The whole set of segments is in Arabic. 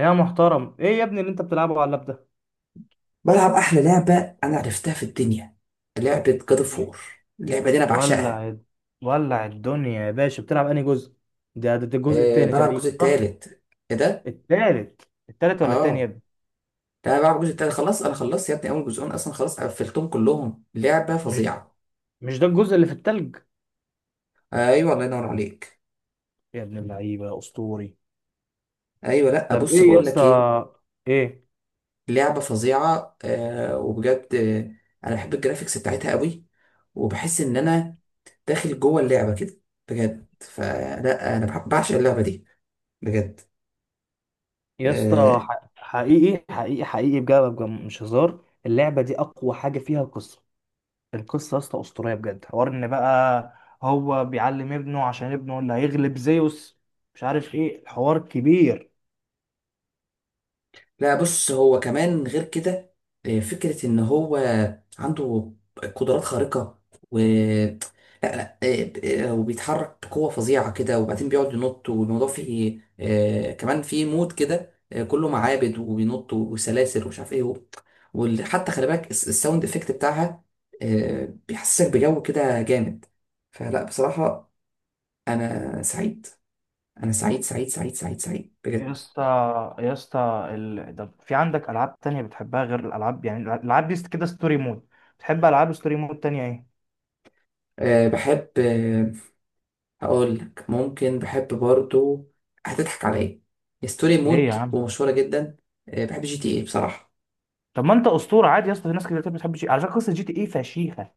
يا محترم، ايه يا ابني اللي انت بتلعبه على اللاب ده؟ بلعب احلى لعبه انا عرفتها في الدنيا. لعبه جاد اوف وور. اللعبه دي انا بعشقها. ولع الد- ولع الدنيا يا باشا، بتلعب انهي جزء؟ ده الجزء أه، التاني بلعب تقريبا، الجزء صح؟ التالت. ايه ده؟ التالت التالت ولا التاني يا اه، ابني؟ لا انا بلعب الجزء التالت خلاص، انا خلصت يا ابني اول جزئين اصلا، خلاص قفلتهم كلهم. لعبه مش فظيعه. مش ده الجزء اللي في التلج؟ ايوه الله ينور عليك. يا ابن اللعيبه اسطوري. ايوه، لا طب بص ايه يا بقول لك اسطى؟ ايه. ايه؟ لعبه فظيعه أه وبجد. انا بحب الجرافيكس بتاعتها قوي، وبحس ان انا داخل جوه اللعبه كده بجد. فلا انا بعشق اللعبه دي بجد. يا اسطى، آه، حقيقي حقيقي حقيقي بجد بجد، مش هزار، اللعبه دي اقوى حاجه فيها القصه. القصة يا اسطى أسطورية بجد، حوار إن بقى هو بيعلم ابنه عشان ابنه اللي هيغلب زيوس، مش عارف إيه الحوار كبير. لا بص، هو كمان غير كده. فكرة ان هو عنده قدرات خارقة. و لا، لا، وبيتحرك بقوة فظيعة كده، وبعدين بيقعد ينط، والموضوع فيه كمان فيه مود كده، كله معابد وبينط وسلاسل ومش عارف ايه. وحتى خلي بالك الساوند افكت بتاعها بيحسسك بجو كده جامد. فلا بصراحة انا سعيد، انا سعيد سعيد سعيد سعيد سعيد يا بجد. اسطى يا اسطى طب في عندك ألعاب تانية بتحبها غير الألعاب، يعني الألعاب دي كده ستوري مود، بتحب ألعاب ستوري مود تانية إيه؟ بحب. هقول لك ممكن بحب برضو، هتضحك عليا، ستوري ليه يا مود عم؟ ومشهورة جدا. بحب جي تي اي بصراحة. طب ما أنت أسطورة، عادي يا اسطى، في ناس كتير ما بتحبش، على فكرة قصة جي تي إيه فشيخة،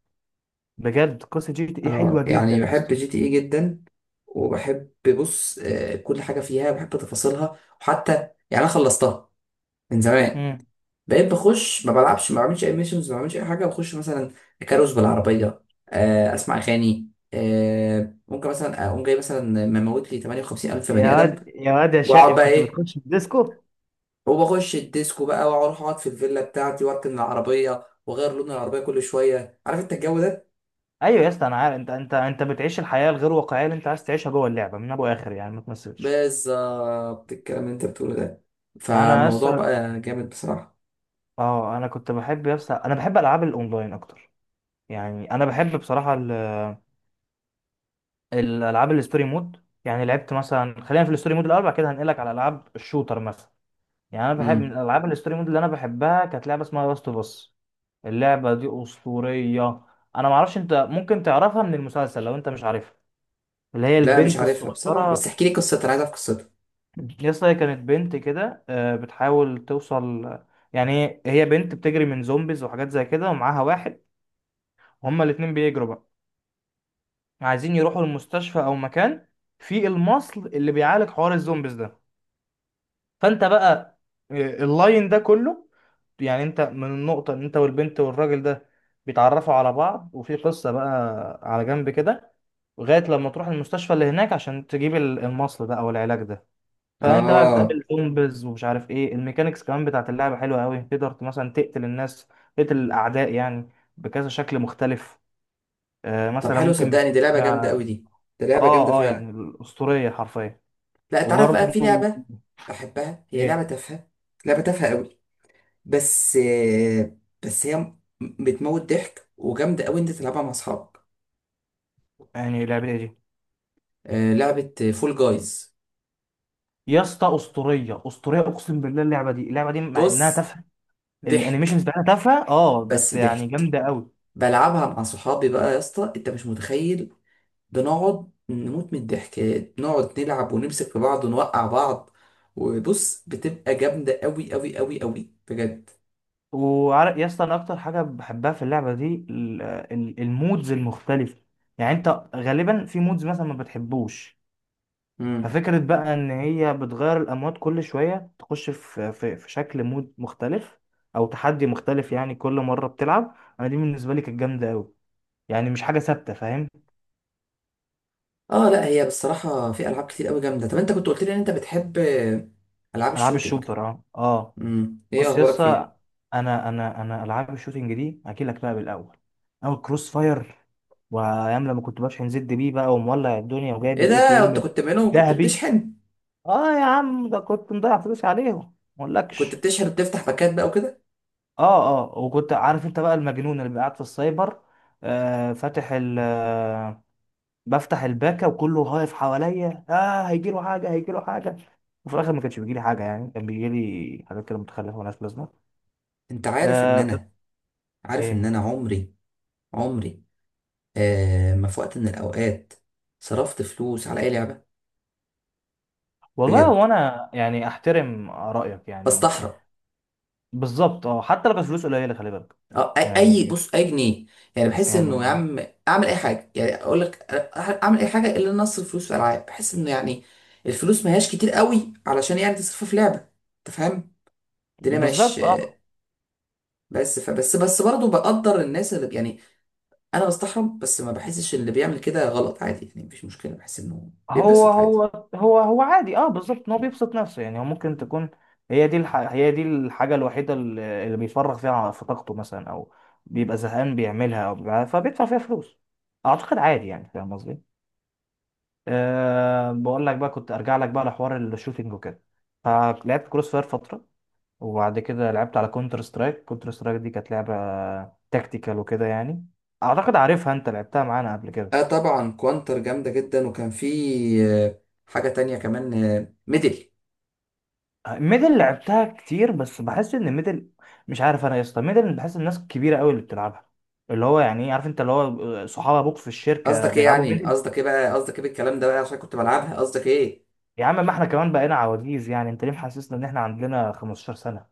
بجد قصة جي تي إيه اه حلوة جدا يعني يا بحب اسطى. جي تي اي جدا، وبحب. بص كل حاجة فيها بحب تفاصيلها، وحتى يعني انا خلصتها من زمان. مم. بقيت بخش، ما بلعبش، ما بعملش اي ميشنز، ما بعملش اي حاجة. بخش مثلا كاروس بالعربية، اسمع اغاني، ممكن مثلا اقوم جاي مثلا مموت لي 58 الف يا بني ادم، واد يا واد يا شقي واقعد بقى كنت ايه، بتخش في الديسكو؟ وبخش الديسكو بقى، واروح اقعد في الفيلا بتاعتي، واركن العربيه، واغير لون العربيه كل شويه، عارف انت الجو ده. ايوه يا اسطى انا عارف، انت بتعيش الحياه الغير واقعيه اللي انت عايز تعيشها جوه اللعبه من ابو اخر، يعني ما تمثلش. بالظبط الكلام اللي انت بتقوله ده، انا يا فالموضوع اسطى، بقى جامد بصراحه. اه انا كنت بحب يا اسطى، انا بحب العاب الاونلاين اكتر، يعني انا بحب بصراحه الالعاب الستوري مود. يعني لعبت مثلا، خلينا في الستوري مود الاول، بعد كده هنقلك على العاب الشوتر مثلا. يعني انا بحب من امم. الالعاب الستوري مود اللي انا بحبها كانت لعبه اسمها لاست اوف اس. اللعبه دي اسطوريه، انا ما اعرفش، انت ممكن تعرفها من المسلسل لو انت مش عارفها، اللي هي لا مش البنت عارفها بصراحه، بس الصغيره. احكي لي قصتها، انا عايز اعرف قصتها. يس، هي كانت بنت كده، بتحاول توصل، يعني هي بنت بتجري من زومبيز وحاجات زي كده، ومعاها واحد، وهما الاتنين بيجروا بقى، عايزين يروحوا المستشفى او مكان في المصل اللي بيعالج حوار الزومبيز ده. فانت بقى، آه، اللاين ده كله، يعني انت من النقطة ان انت والبنت والراجل ده بيتعرفوا على بعض، وفي قصة بقى على جنب كده، لغاية لما تروح المستشفى اللي هناك عشان تجيب المصل ده او العلاج ده. فانت بقى اه. بتقابل زومبيز ومش عارف ايه، الميكانيكس كمان بتاعت اللعبه حلوه قوي، تقدر مثلا تقتل الناس، تقتل الاعداء يعني، بكذا شكل مختلف، آه طب مثلا حلو، ممكن بسكينه. صدقني دي لعبه جامده قوي اه. دي، دي لعبه جامده اه، فعلا. يعني الاسطوريه حرفيا. لا تعرف بقى في وبرضه. لعبه بحبها، هي لعبه ايه. تافهه، لعبه تافهه قوي. بس بس هي بتموت ضحك وجامده قوي، انت تلعبها مع اصحابك. يعني اللعبه إيه دي؟ لعبة فول جايز. يا اسطى اسطوريه اسطوريه، اقسم بالله، اللعبه دي اللعبه دي مع انها بص تافهه، الانيميشنز ضحك. بتاعتها تافهه اه، بس بس يعني ضحك. جامده قوي. بلعبها مع صحابي بقى يا اسطى، انت مش متخيل، بنقعد نموت من الضحك، نقعد نلعب ونمسك في بعض ونوقع بعض، وبص بتبقى جامدة قوي قوي قوي قوي بجد. وعارف يا اسطى انا اكتر حاجه بحبها في اللعبه دي، المودز المختلفه. يعني انت غالبا في مودز مثلا ما بتحبوش، مم. ففكره بقى ان هي بتغير الاموات كل شويه، تخش في شكل مود مختلف او تحدي مختلف، يعني كل مره بتلعب، انا دي بالنسبه لي كانت جامده قوي، يعني مش حاجه ثابته، فاهم. اه لا هي بصراحة في ألعاب كتير قوي جامدة. طب انت كنت قلت لي ان انت بتحب ألعاب العاب الشوتينج. الشوتر اه اه. مم. ايه بص يا اخبارك فيه. اسطى، انا العاب الشوتينج دي احكي لك بقى بالاول، اول كروس فاير، وايام لما كنت بشحن زد بيه بقى، ومولع الدنيا، وجايب ايه ده؟ الاي كي انت ام كنت منهم؟ كنت ذهبي. بتشحن؟ اه يا عم، ده كنت مضيع فلوس عليهم، ما وكنت اقولكش. بتشحن وبتفتح باكات بقى وكده؟ اه اه، وكنت عارف انت بقى المجنون اللي قاعد في السايبر، آه فاتح ال آه، بفتح الباكا وكله واقف حواليا، اه هيجيله حاجه هيجيله حاجه، وفي الاخر ما كانش بيجيلي حاجه، يعني كان بيجيلي حاجات كده متخلفه وناس لازمه. انت بس. عارف ان ايه. انا عمري ما في وقت من الاوقات صرفت فلوس على اي لعبه، والله بجد هو انا يعني احترم رايك يعني. بستحرم. بالظبط اه، حتى لو كانت فلوس قليله خلي بالك. اه، اي يعني. بص اي جنيه يعني، بحس انه يا يعني. عم اعمل اي حاجه، يعني اقول لك اعمل اي حاجه الا إن اصرف فلوس في العاب. بحس انه يعني الفلوس ما هياش كتير قوي علشان يعني تصرفها في لعبه، انت فاهم، الدنيا مش. بالظبط اه. بس فبس بس بس برضه بقدر الناس اللي يعني، انا بستحرم، بس ما بحسش إن اللي بيعمل كده غلط، عادي يعني، مفيش مشكله، بحس انه هو بيتبسط عادي. هو هو عادي اه، بالظبط ان هو بيبسط نفسه، يعني هو ممكن تكون هي دي الحاجه الوحيده اللي اللي بيفرغ فيها في طاقته مثلا، او بيبقى زهقان بيعملها، فبيدفع فيها فلوس، اعتقد عادي يعني، فاهم قصدي. بقول لك بقى، كنت ارجع لك بقى لحوار الشوتينج وكده، فلعبت كروس فاير فتره، وبعد كده لعبت على كونتر سترايك، كونتر سترايك دي كانت لعبة تكتيكال وكده يعني، اعتقد عارفها انت لعبتها معانا قبل كده. اه طبعا كوانتر جامده جدا، وكان في حاجه تانية كمان، ميدل. ميدل لعبتها كتير، بس بحس ان ميدل، مش عارف انا يا اسطى، ميدل بحس الناس الكبيره قوي اللي بتلعبها، اللي هو يعني إيه، عارف انت، اللي هو صحاب ابوك في الشركه قصدك ايه بيلعبوا يعني؟ ميدل. قصدك ايه بقى؟ قصدك ايه بالكلام ده بقى عشان كنت بلعبها؟ قصدك ايه؟ يا عم ما احنا كمان بقينا عواجيز، يعني انت ليه محسسنا ان احنا عندنا 15 سنه؟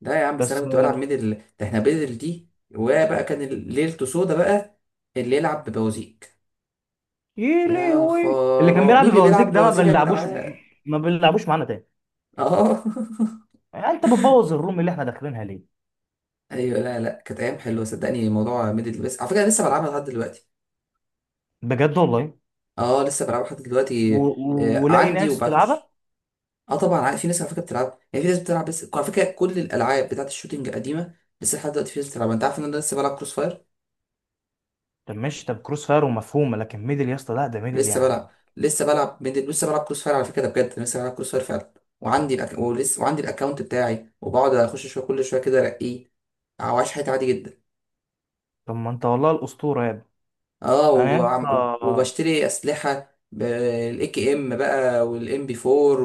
لا يا عم، بس انا بس كنت بلعب ميدل، ده احنا ميدل دي. وبقى كان ليلته سودا بقى اللي يلعب ببوازيك. ايه، ليه يا هو إيه؟ اللي كان خراب بيلعب مين اللي بوازيك بيلعب ده ما بوازيك يا بنلعبوش، جدعان! ما بنلعبوش معانا تاني، اه يعني انت بتبوظ الروم اللي احنا داخلينها ليه؟ ايوه، لا لا كانت ايام حلوه صدقني، موضوع ميدل البيس على فكره، أنا لسه بلعبها لحد دلوقتي. بجد والله، اه لسه بلعبها لحد دلوقتي. آه ولاقي عندي ناس تلعبها؟ وبخش. اه طبعا عارف في ناس على فكره بتلعب. يعني في ناس بتلعب بس على فكره كل الالعاب بتاعت الشوتينج القديمه لسه لحد دلوقتي في ناس بتلعبها. انت عارف ان انا لسه بلعب كروس فاير. طب ماشي، طب كروس فاير ومفهومه، لكن ميدل يا اسطى لا، ده ميدل لسه يعني. بلعب لسه بلعب ميدل، لسه بلعب كروس فاير على فكره، ده بجد أنا لسه بلعب كروس فاير فعلا. ولسه وعندي الاكونت بتاعي، وبقعد اخش شويه كل شويه كده ارقيه، او عايش حياتي عادي جدا. طب ما انت والله الاسطوره يا ابني. اه انا يا اسطى. وبشتري اسلحه بالاي كي ام بقى، والام بي 4،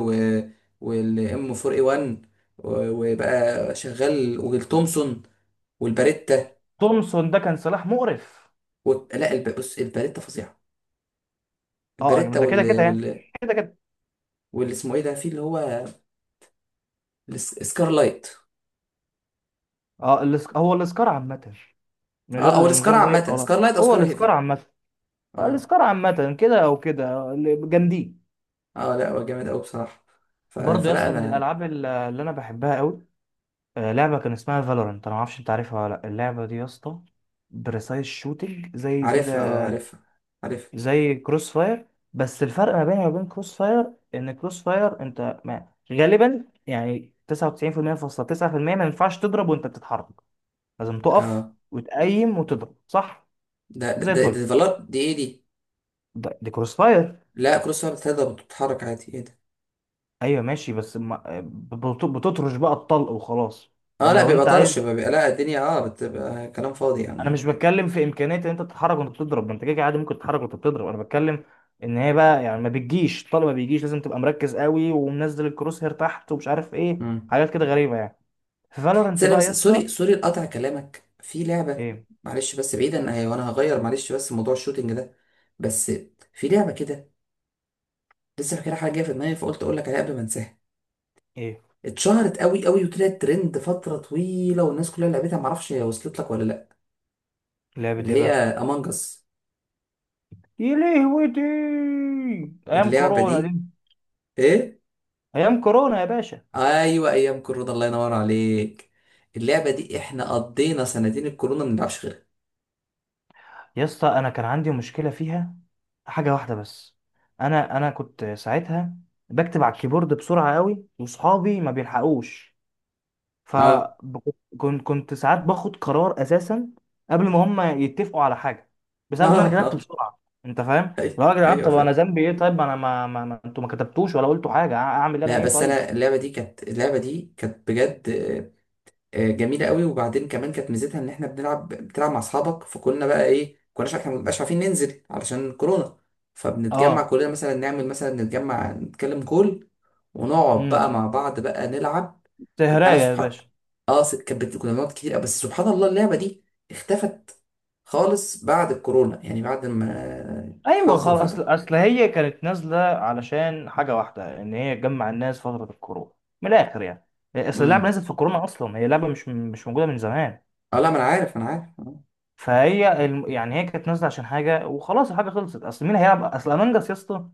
والام 4 اي 1، وبقى شغال والتومسون والباريتا. تومسون ده كان سلاح مقرف. لا بص الباريتا فظيعه. اه، الباريتا ده كده كده يعني، كده كده. واللي اسمه ايه ده، في اللي هو السكارلايت. اه، هو الاسكار عامه، من اه او غير من السكار غير لايك، عامه، ولا سكارلايت او هو سكار الاسكار هيفي. عامه، اه. الاسكار عامه كده او كده جامدين. اه لا هو جامد قوي بصراحه. برضه يا فلا اسطى من انا. الالعاب اللي انا بحبها قوي، لعبه كان اسمها فالورنت، انا ما اعرفش انت عارفها ولا لا، اللعبه دي يا اسطى بريسايز شوتنج زي كده، عارفها، اه عارفها، عارفها. زي كروس فاير، بس الفرق ما بينها وبين كروس فاير ان كروس فاير انت ما غالبا يعني 99% فاصلة 9% ما ينفعش تضرب وانت بتتحرك، لازم تقف اه وتقيم وتضرب، صح؟ ده ده زي ده الفل. ديفلوب دي، ايه دي؟ دي كروس فاير. لا كروس وهي بتتهدى بتتحرك عادي، ايه ده؟ ايوه ماشي، بس ما بتطرش بقى الطلق وخلاص. اه لكن لا لو بيبقى انت عايز، طرش، لا الدنيا اه بتبقى كلام فاضي يعني. انا مش اه. بتكلم في امكانيه ان انت تتحرك وانت بتضرب، ما انت كده كده عادي ممكن تتحرك وانت بتضرب، انا بتكلم ان هي بقى يعني ما بتجيش، طالما ما بيجيش لازم تبقى مركز قوي، ومنزل الكروس هير تحت، ومش عارف ايه امم. حاجات كده غريبه يعني. في فالورنت استنى بقى يا بس، اسطى. سوري سوري لقطع كلامك. في لعبة، ايه. معلش بس بعيدا وانا هغير، معلش بس موضوع الشوتينج ده بس. في لعبة كده لسه فاكرها، حاجة جاية في دماغي فقلت اقول لك عليها قبل ما انساها. ايه. اتشهرت قوي قوي وطلعت ترند فترة طويلة والناس كلها لعبتها، معرفش هي وصلت لك ولا لا. لعبه اللي ايه هي بقى؟ امانج اس. يا لهوي، دي ايام اللعبة كورونا دي، دي. ايه. ايام كورونا يا باشا. ايوه ايام كورونا الله ينور عليك. اللعبه دي احنا قضينا سنتين الكورونا ما بنلعبش غيرها. يا اسطى انا كان عندي مشكله فيها حاجه واحده بس، انا انا كنت ساعتها بكتب على الكيبورد بسرعه قوي، واصحابي ما بيلحقوش، اه فكنت كنت ساعات باخد قرار اساسا قبل ما هم يتفقوا على حاجه، بسبب ان اه انا كتبت اه. بسرعه، انت فاهم. ايوه لا يا جدعان، ايوه طب انا فاهم. ذنبي ايه طيب، ما انا ما انتوا ما كتبتوش ولا قلتوا حاجه، اعمل انا لا ايه بس طيب. انا اللعبه دي كانت بجد جميله قوي. وبعدين كمان كانت ميزتها ان احنا بتلعب مع اصحابك، فكنا بقى ايه كناش احنا مبقاش عارفين ننزل علشان كورونا، فبنتجمع اه. كلنا مثلا، نعمل مثلا، نتجمع نتكلم كل، ونقعد امم. بقى مع بعض بقى نلعب. انا تهراية يا باشا. اه كنا بنقعد كتير أوي. بس سبحان الله اللعبه دي اختفت خالص بعد الكورونا، يعني بعد ما ايوه الحظر خلاص، فتح. اصل هي كانت نازله علشان حاجه واحده ان هي تجمع الناس فتره الكورونا، من الاخر يعني، اصل اللعبه امم. نزلت في الكورونا اصلا، هي لعبه مش موجوده من زمان. اه لا ما انا عارف، انا عارف اه. يعني هي كانت نازله عشان حاجه، وخلاص الحاجه خلصت، اصل مين هيلعب اصل امونج اس يا اسطى،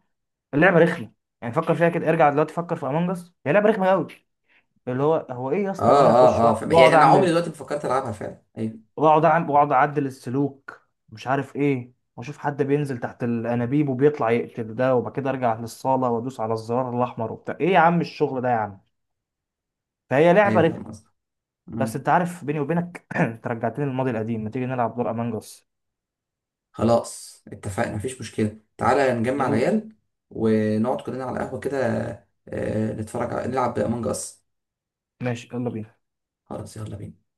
اللعبه رخمه، يعني فكر فيها كده، ارجع دلوقتي فكر في امونج اس، هي لعبه رخمه قوي. اللي هو ايه يا اه اسطى اللي انا اه، اخش آه. يعني واقعد انا عمري اعمل دلوقتي ما فكرت العبها فعلا. ايوه واقعد اعمل واقعد اعدل السلوك مش عارف ايه، واشوف حد بينزل تحت الانابيب وبيطلع يقتل ده، وبعد كده ارجع للصاله وادوس على الزرار الاحمر وبتاع، ايه يا عم الشغل ده يا عم. فهي لعبه ايوه فاهم رخمه. قصدك. بس مم. انت عارف بيني وبينك انت رجعتني للماضي القديم، ما تيجي نلعب دور امونج اس. خلاص اتفقنا، مفيش مشكله، تعالى نجمع يلا. العيال ونقعد كلنا على قهوه كده، آه نتفرج على نلعب امونج اس. ماشي يلا بينا. خلاص يلا بينا.